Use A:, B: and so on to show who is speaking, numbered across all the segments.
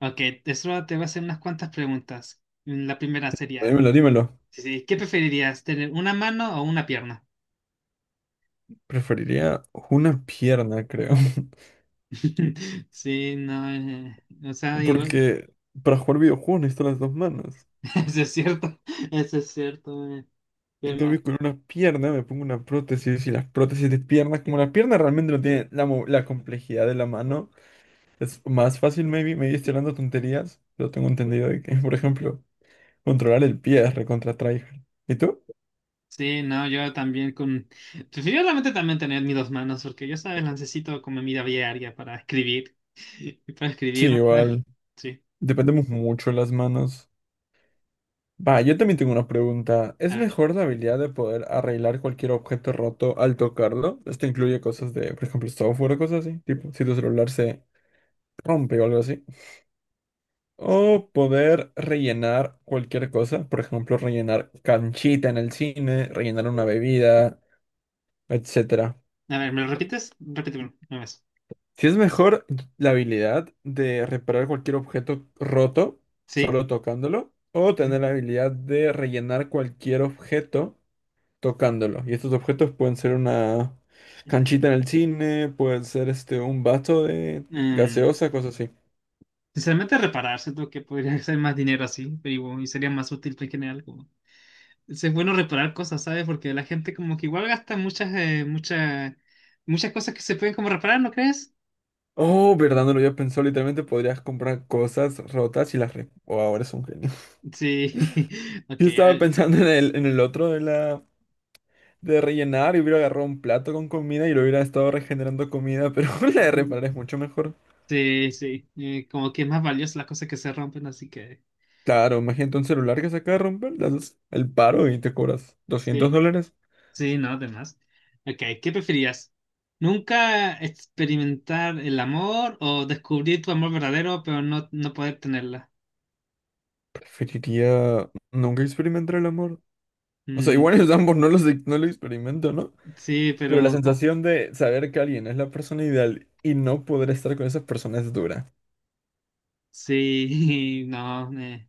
A: Ok, eso te voy a hacer unas cuantas preguntas. La primera sería,
B: Dímelo, dímelo.
A: sí, sí, ¿qué preferirías, tener una mano o una pierna?
B: Preferiría una pierna, creo.
A: Sí, no, o sea, igual,
B: Porque para jugar videojuegos necesito las dos manos.
A: eso es cierto, eso es cierto.
B: En
A: Pero-
B: cambio, con una pierna me pongo una prótesis y las prótesis de piernas, como la pierna realmente no tiene la complejidad de la mano, es más fácil, maybe. Me estoy hablando tonterías, pero tengo entendido de que, por ejemplo, controlar el pie es recontra tryhard. ¿Y tú?
A: Sí, no, yo también preferiblemente también tener mis dos manos, porque yo, sabes, las necesito como en mi vida diaria para escribir, para
B: Sí,
A: escribir, más que nada.
B: igual.
A: Sí,
B: Dependemos mucho de las manos. Va, yo también tengo una pregunta.
A: a
B: ¿Es
A: ver,
B: mejor la habilidad de poder arreglar cualquier objeto roto al tocarlo? Esto incluye cosas de, por ejemplo, software o cosas así, tipo si tu celular se rompe o algo así. O poder rellenar cualquier cosa, por ejemplo, rellenar canchita en el cine, rellenar una bebida, etcétera.
A: a ver, ¿me lo repites? Repíteme una vez.
B: Si es mejor la habilidad de reparar cualquier objeto roto
A: ¿Sí?
B: solo tocándolo, o tener la habilidad de rellenar cualquier objeto tocándolo. Y estos objetos pueden ser una canchita en el cine, pueden ser un vaso de
A: Mm.
B: gaseosa, cosas así.
A: Sinceramente, reparar, siento que podría ser más dinero así, pero igual, y sería más útil en general. Como... Es bueno reparar cosas, ¿sabes? Porque la gente como que igual gasta muchas, muchas, muchas cosas que se pueden como reparar, ¿no crees?
B: Oh, verdad, no lo había pensado. Literalmente podrías comprar cosas rotas y Oh, ahora es un genio.
A: Sí, ok.
B: Yo estaba pensando en el otro de rellenar y hubiera agarrado un plato con comida y lo hubiera estado regenerando comida, pero la de reparar es mucho mejor.
A: Sí, sí, como que es más valiosa las cosas que se rompen, así que
B: Claro, imagínate un celular que se acaba de romper, le haces el paro y te cobras doscientos
A: sí,
B: dólares.
A: sí, no, además. Ok, ¿qué preferías? ¿Nunca experimentar el amor o descubrir tu amor verdadero pero no, no poder tenerla?
B: Preferiría nunca experimentar el amor. O sea,
A: Mm,
B: igual ellos ambos no lo experimento, ¿no?
A: sí,
B: Pero la
A: pero...
B: sensación de saber que alguien es la persona ideal y no poder estar con esa persona es dura.
A: Sí, no, me...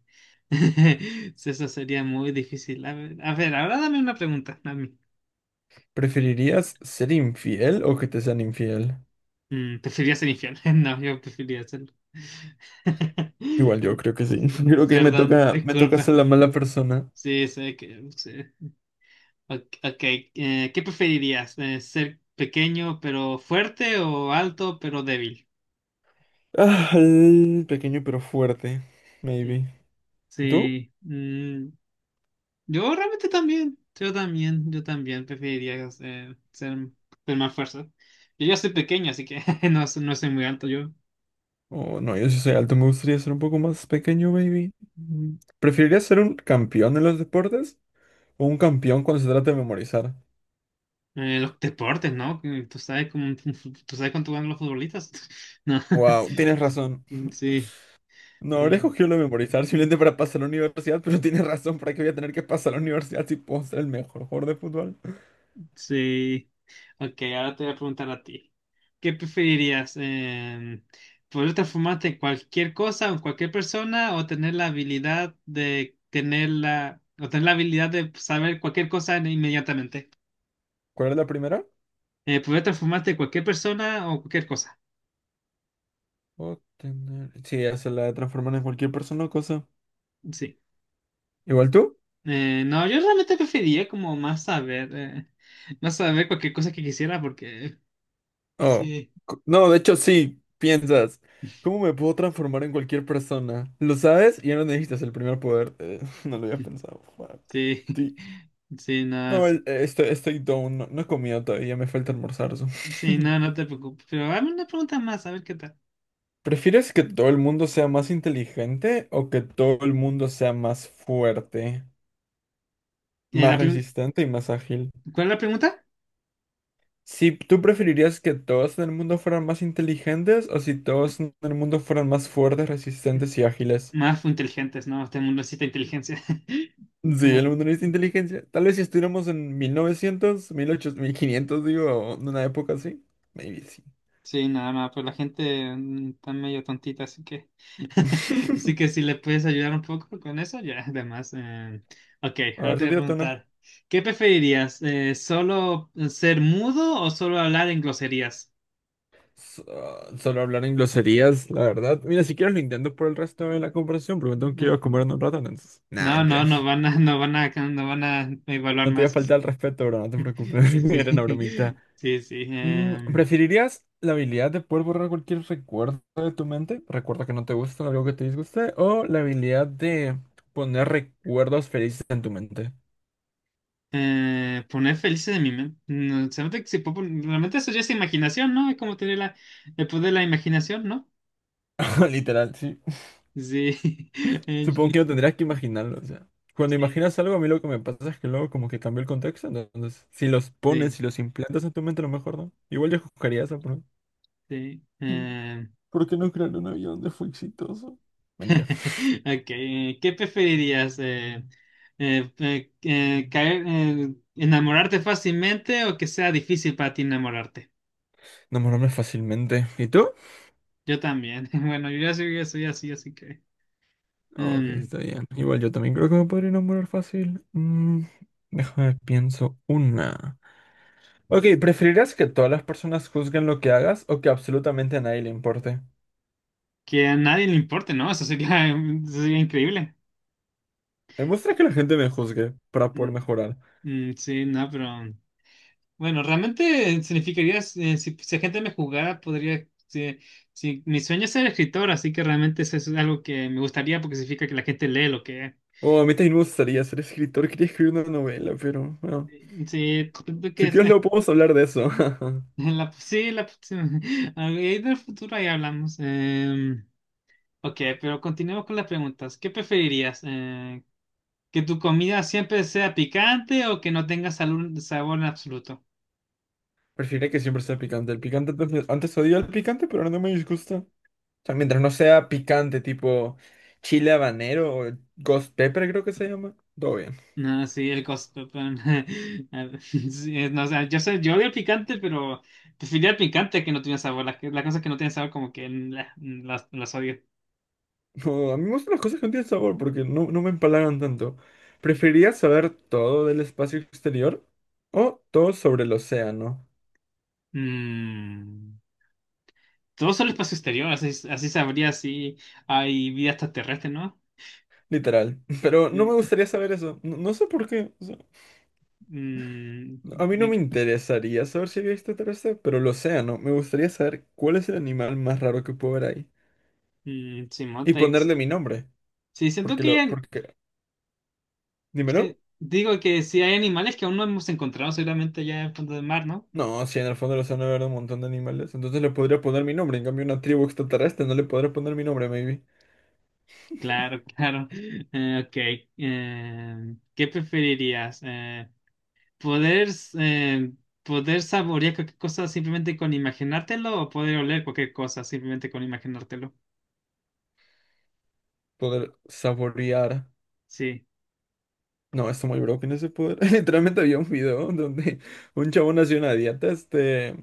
A: Eso sería muy difícil. A ver, ahora dame una pregunta a mí.
B: ¿Preferirías ser infiel o que te sean infiel?
A: Mm, ¿preferirías ser infierno? No, yo preferiría hacerlo.
B: Igual yo creo que sí.
A: Sí,
B: Creo que ahí me
A: perdón,
B: toca, me toca
A: disculpa.
B: ser la mala persona.
A: Sí, sé que... sí. Ok, ok, ¿qué preferirías? ¿Ser pequeño pero fuerte o alto pero débil?
B: Ah, el pequeño pero fuerte.
A: Mm.
B: Maybe. ¿Tú?
A: Sí, mm. Yo realmente también, yo también preferiría eh, ser, ser más fuerza. Yo ya soy pequeño, así que no, no soy muy alto yo.
B: Oh, no, yo sí soy alto. Me gustaría ser un poco más pequeño, baby. Mm. ¿Preferirías ser un campeón en los deportes o un campeón cuando se trata de memorizar?
A: Los deportes, ¿no? Que tú sabes cómo, tú sabes cuánto ganan los futbolistas. No.
B: Wow, tienes razón.
A: Sí.
B: No, habré
A: Mm.
B: escogido lo de memorizar simplemente para pasar a la universidad, pero tienes razón, ¿para qué voy a tener que pasar a la universidad si puedo ser el mejor jugador de fútbol?
A: Sí. Ok, ahora te voy a preguntar a ti. ¿Qué preferirías? ¿Poder transformarte en cualquier cosa o en cualquier persona o tener la habilidad de saber cualquier cosa inmediatamente?
B: ¿Cuál era la primera?
A: ¿Poder transformarte en cualquier persona o cualquier cosa?
B: Sí, hacer la de transformar en cualquier persona o cosa.
A: Sí.
B: ¿Igual tú?
A: No, yo realmente preferiría como más saber cualquier cosa que quisiera porque
B: Oh.
A: así,
B: No, de hecho sí, piensas. ¿Cómo me puedo transformar en cualquier persona? ¿Lo sabes? Y ya no necesitas el primer poder. No lo había pensado. Fuck.
A: sí,
B: Sí.
A: sí, no,
B: No,
A: sí.
B: estoy down. No, no he comido todavía, me falta almorzar. So.
A: Sí, no, no te preocupes. Pero dame una pregunta más, a ver qué tal.
B: ¿Prefieres que todo el mundo sea más inteligente o que todo el mundo sea más fuerte,
A: Eh,
B: más
A: la prim-
B: resistente y más ágil?
A: ¿Cuál es la pregunta?
B: Si tú preferirías que todos en el mundo fueran más inteligentes o si todos en el mundo fueran más fuertes, resistentes y ágiles.
A: Más inteligentes, ¿no? Este mundo necesita inteligencia.
B: Sí,
A: Como-
B: el mundo necesita inteligencia. Tal vez si estuviéramos en 1900, 1500, digo, en una época así. Maybe sí.
A: Sí, nada más, pues la gente está medio tontita, así que... Así que si le puedes ayudar un poco con eso, ya, además. Ok,
B: A
A: ahora
B: ver,
A: te
B: tú
A: voy a
B: tírate una.
A: preguntar, ¿qué preferirías? ¿Solo ser mudo o solo hablar en groserías?
B: So- solo hablar en groserías, la verdad. Mira, si quieres lo intento por el resto de la conversación, porque me tengo que ir
A: No,
B: a comer en un rato, entonces. Nah,
A: no,
B: mentira.
A: no van a evaluar
B: No te voy a
A: más.
B: faltar el respeto, bro, no te preocupes.
A: Sí,
B: Era una bromita.
A: sí, sí, sí.
B: ¿Preferirías la habilidad de poder borrar cualquier recuerdo de tu mente? Recuerdo que no te gusta, algo que te disguste, o la habilidad de poner recuerdos felices en tu mente.
A: Poner felices de mi mente. No, se nota que se puede realmente eso ya es imaginación, ¿no? Es como tener la, el poder de la imaginación, ¿no?
B: Literal, sí.
A: Sí.
B: Supongo
A: Sí,
B: que no tendrías que imaginarlo, o sea. Cuando imaginas algo, a mí lo que me pasa es que luego como que cambió el contexto, ¿no? Entonces
A: sí,
B: si los implantas en tu mente, a lo mejor no. Igual yo escogería esa, pero.
A: sí.
B: Mm.
A: Eh.
B: ¿Por qué no crear un avión donde fue exitoso?
A: Ok,
B: Mentira.
A: ¿qué preferirías? ¿Enamorarte fácilmente o que sea difícil para ti enamorarte?
B: Enamorarme fácilmente. ¿Y tú?
A: Yo también. Bueno, ya soy así, así que...
B: Ok,
A: em,
B: está bien. Igual yo también creo que me podría enamorar fácil. Déjame pienso una. Ok, ¿preferirás que todas las personas juzguen lo que hagas o que absolutamente a nadie le importe?
A: que a nadie le importe, ¿no? Eso sería, eso sería increíble.
B: Me gusta que la gente me juzgue para poder
A: Mm.
B: mejorar.
A: Mm, sí, no, pero bueno, realmente significaría, si la gente me jugara, podría, sí, sí, mi sueño es ser escritor, así que realmente eso es algo que me gustaría porque significa que la gente lee lo que...
B: Oh, a mí también me gustaría ser escritor, quería escribir una novela, pero bueno.
A: Sí, creo que
B: Si
A: es,
B: quieres luego podemos hablar de eso.
A: sí, sí, ahí del futuro ahí hablamos. Em, ok, pero continuemos con las preguntas. ¿Qué preferirías? ¿Que tu comida siempre sea picante o que no tenga sabor en absoluto?
B: Preferiría que siempre sea picante. El picante antes, antes odiaba el picante, pero ahora no me disgusta. O sea, mientras no sea picante, tipo chile habanero o ghost pepper creo que se llama. Todo bien.
A: No, sí, el costo. Pan. Ah, sí, no, o sea, yo sé, yo odio el picante, pero prefería el picante que no tiene sabor. Las cosas que no tienen sabor, como que las odio.
B: No, a mí me gustan las cosas que no tienen sabor porque no me empalagan tanto. ¿Preferiría saber todo del espacio exterior o todo sobre el océano?
A: Mm, todo solo espacio exterior, así, así sabría si hay vida extraterrestre, ¿no?
B: Literal. Pero no me
A: Sí,
B: gustaría saber eso. No, no sé por qué.
A: mm.
B: A mí no me
A: y-
B: interesaría saber si había extraterrestre, pero lo sea, ¿no? Me gustaría saber cuál es el animal más raro que puedo ver ahí.
A: sí,
B: Y
A: monta
B: ponerle mi nombre.
A: sí, siento
B: Porque
A: que
B: lo. Porque. Dímelo.
A: sí, digo que si hay animales que aún no hemos encontrado, seguramente ya en el fondo del mar, ¿no?
B: No, si en el fondo del océano habrá un montón de animales. Entonces le podría poner mi nombre. En cambio, una tribu extraterrestre no le podría poner mi nombre, maybe.
A: Claro, claro. Ok. ¿Qué preferirías? ¿Poder, eh, ¿poder saborear cualquier cosa simplemente con imaginártelo o poder oler cualquier cosa simplemente con imaginártelo?
B: Poder saborear.
A: Sí.
B: No, está muy broken ese poder. Literalmente había un video donde un chabón hacía una dieta,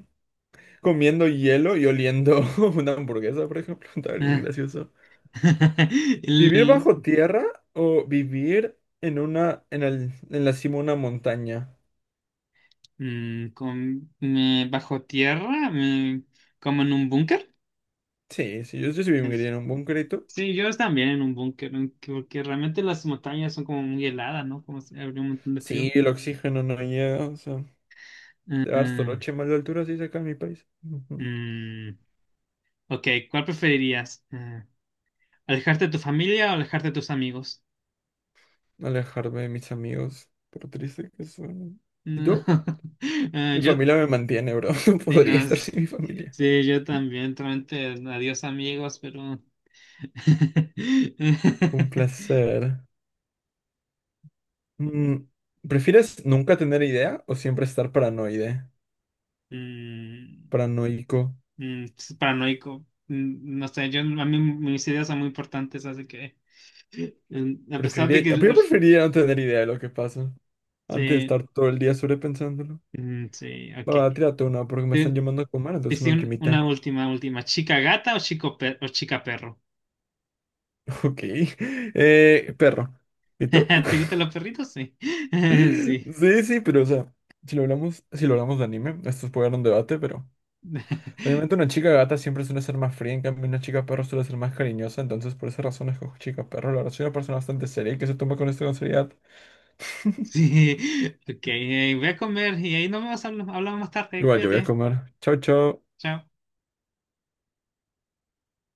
B: comiendo hielo y oliendo una hamburguesa, por ejemplo. Está bien
A: Ah.
B: gracioso.
A: El-
B: ¿Vivir
A: el-
B: bajo tierra o vivir en la cima de una montaña?
A: mm, bajo tierra, como en un búnker.
B: Sí, sí, yo sí
A: Es-
B: viviría en un búnker.
A: Sí, yo también en un búnker, porque realmente las montañas son como muy heladas, ¿no? Como si habría un montón de
B: Sí,
A: frío.
B: el oxígeno no llega, o sea, te dar
A: Eh,
B: soroche mal de altura, sí, acá en mi país. Ujú.
A: mm. Ok, ¿cuál preferirías? ¿Alejarte de tu familia o alejarte de tus amigos?
B: Alejarme de mis amigos, por triste que suene. ¿Y
A: No.
B: tú? Mi
A: Yo,
B: familia me mantiene, bro, no
A: sí,
B: podría
A: no,
B: estar
A: es-
B: sin mi familia.
A: sí, yo también, realmente, adiós amigos, pero...
B: Un placer. Mm, ¿Prefieres nunca tener idea o siempre estar paranoide?
A: Mm,
B: Paranoico.
A: mm, es paranoico. Mm, no sé, yo, a mí mis ideas son muy importantes, así que... mm, a pesar de
B: Preferiría, yo
A: que...
B: preferiría no tener idea de lo que pasa. Antes de
A: Sí,
B: estar todo el día sobrepensándolo.
A: mm, sí,
B: Va,
A: ok.
B: va, tírate una porque me están
A: Te-
B: llamando a comer,
A: te
B: entonces una
A: hice
B: ultimita.
A: una última, última. ¿Chica gata o chica perro?
B: Ok. Perro. ¿Y tú?
A: ¿Te gustan los perritos? Sí. Sí.
B: Sí, sí, pero o sea, si lo hablamos de anime, esto puede dar un debate, pero obviamente una chica gata siempre suele ser más fría, en cambio una chica perro suele ser más cariñosa, entonces por esa razón escojo chica perro. La verdad soy una persona bastante seria y que se toma con esto con seriedad.
A: Sí. Ok, voy a comer y ahí nos vemos, hablamos más tarde.
B: Igual yo voy a
A: Cuídate.
B: comer. Chao, chao.
A: Chao.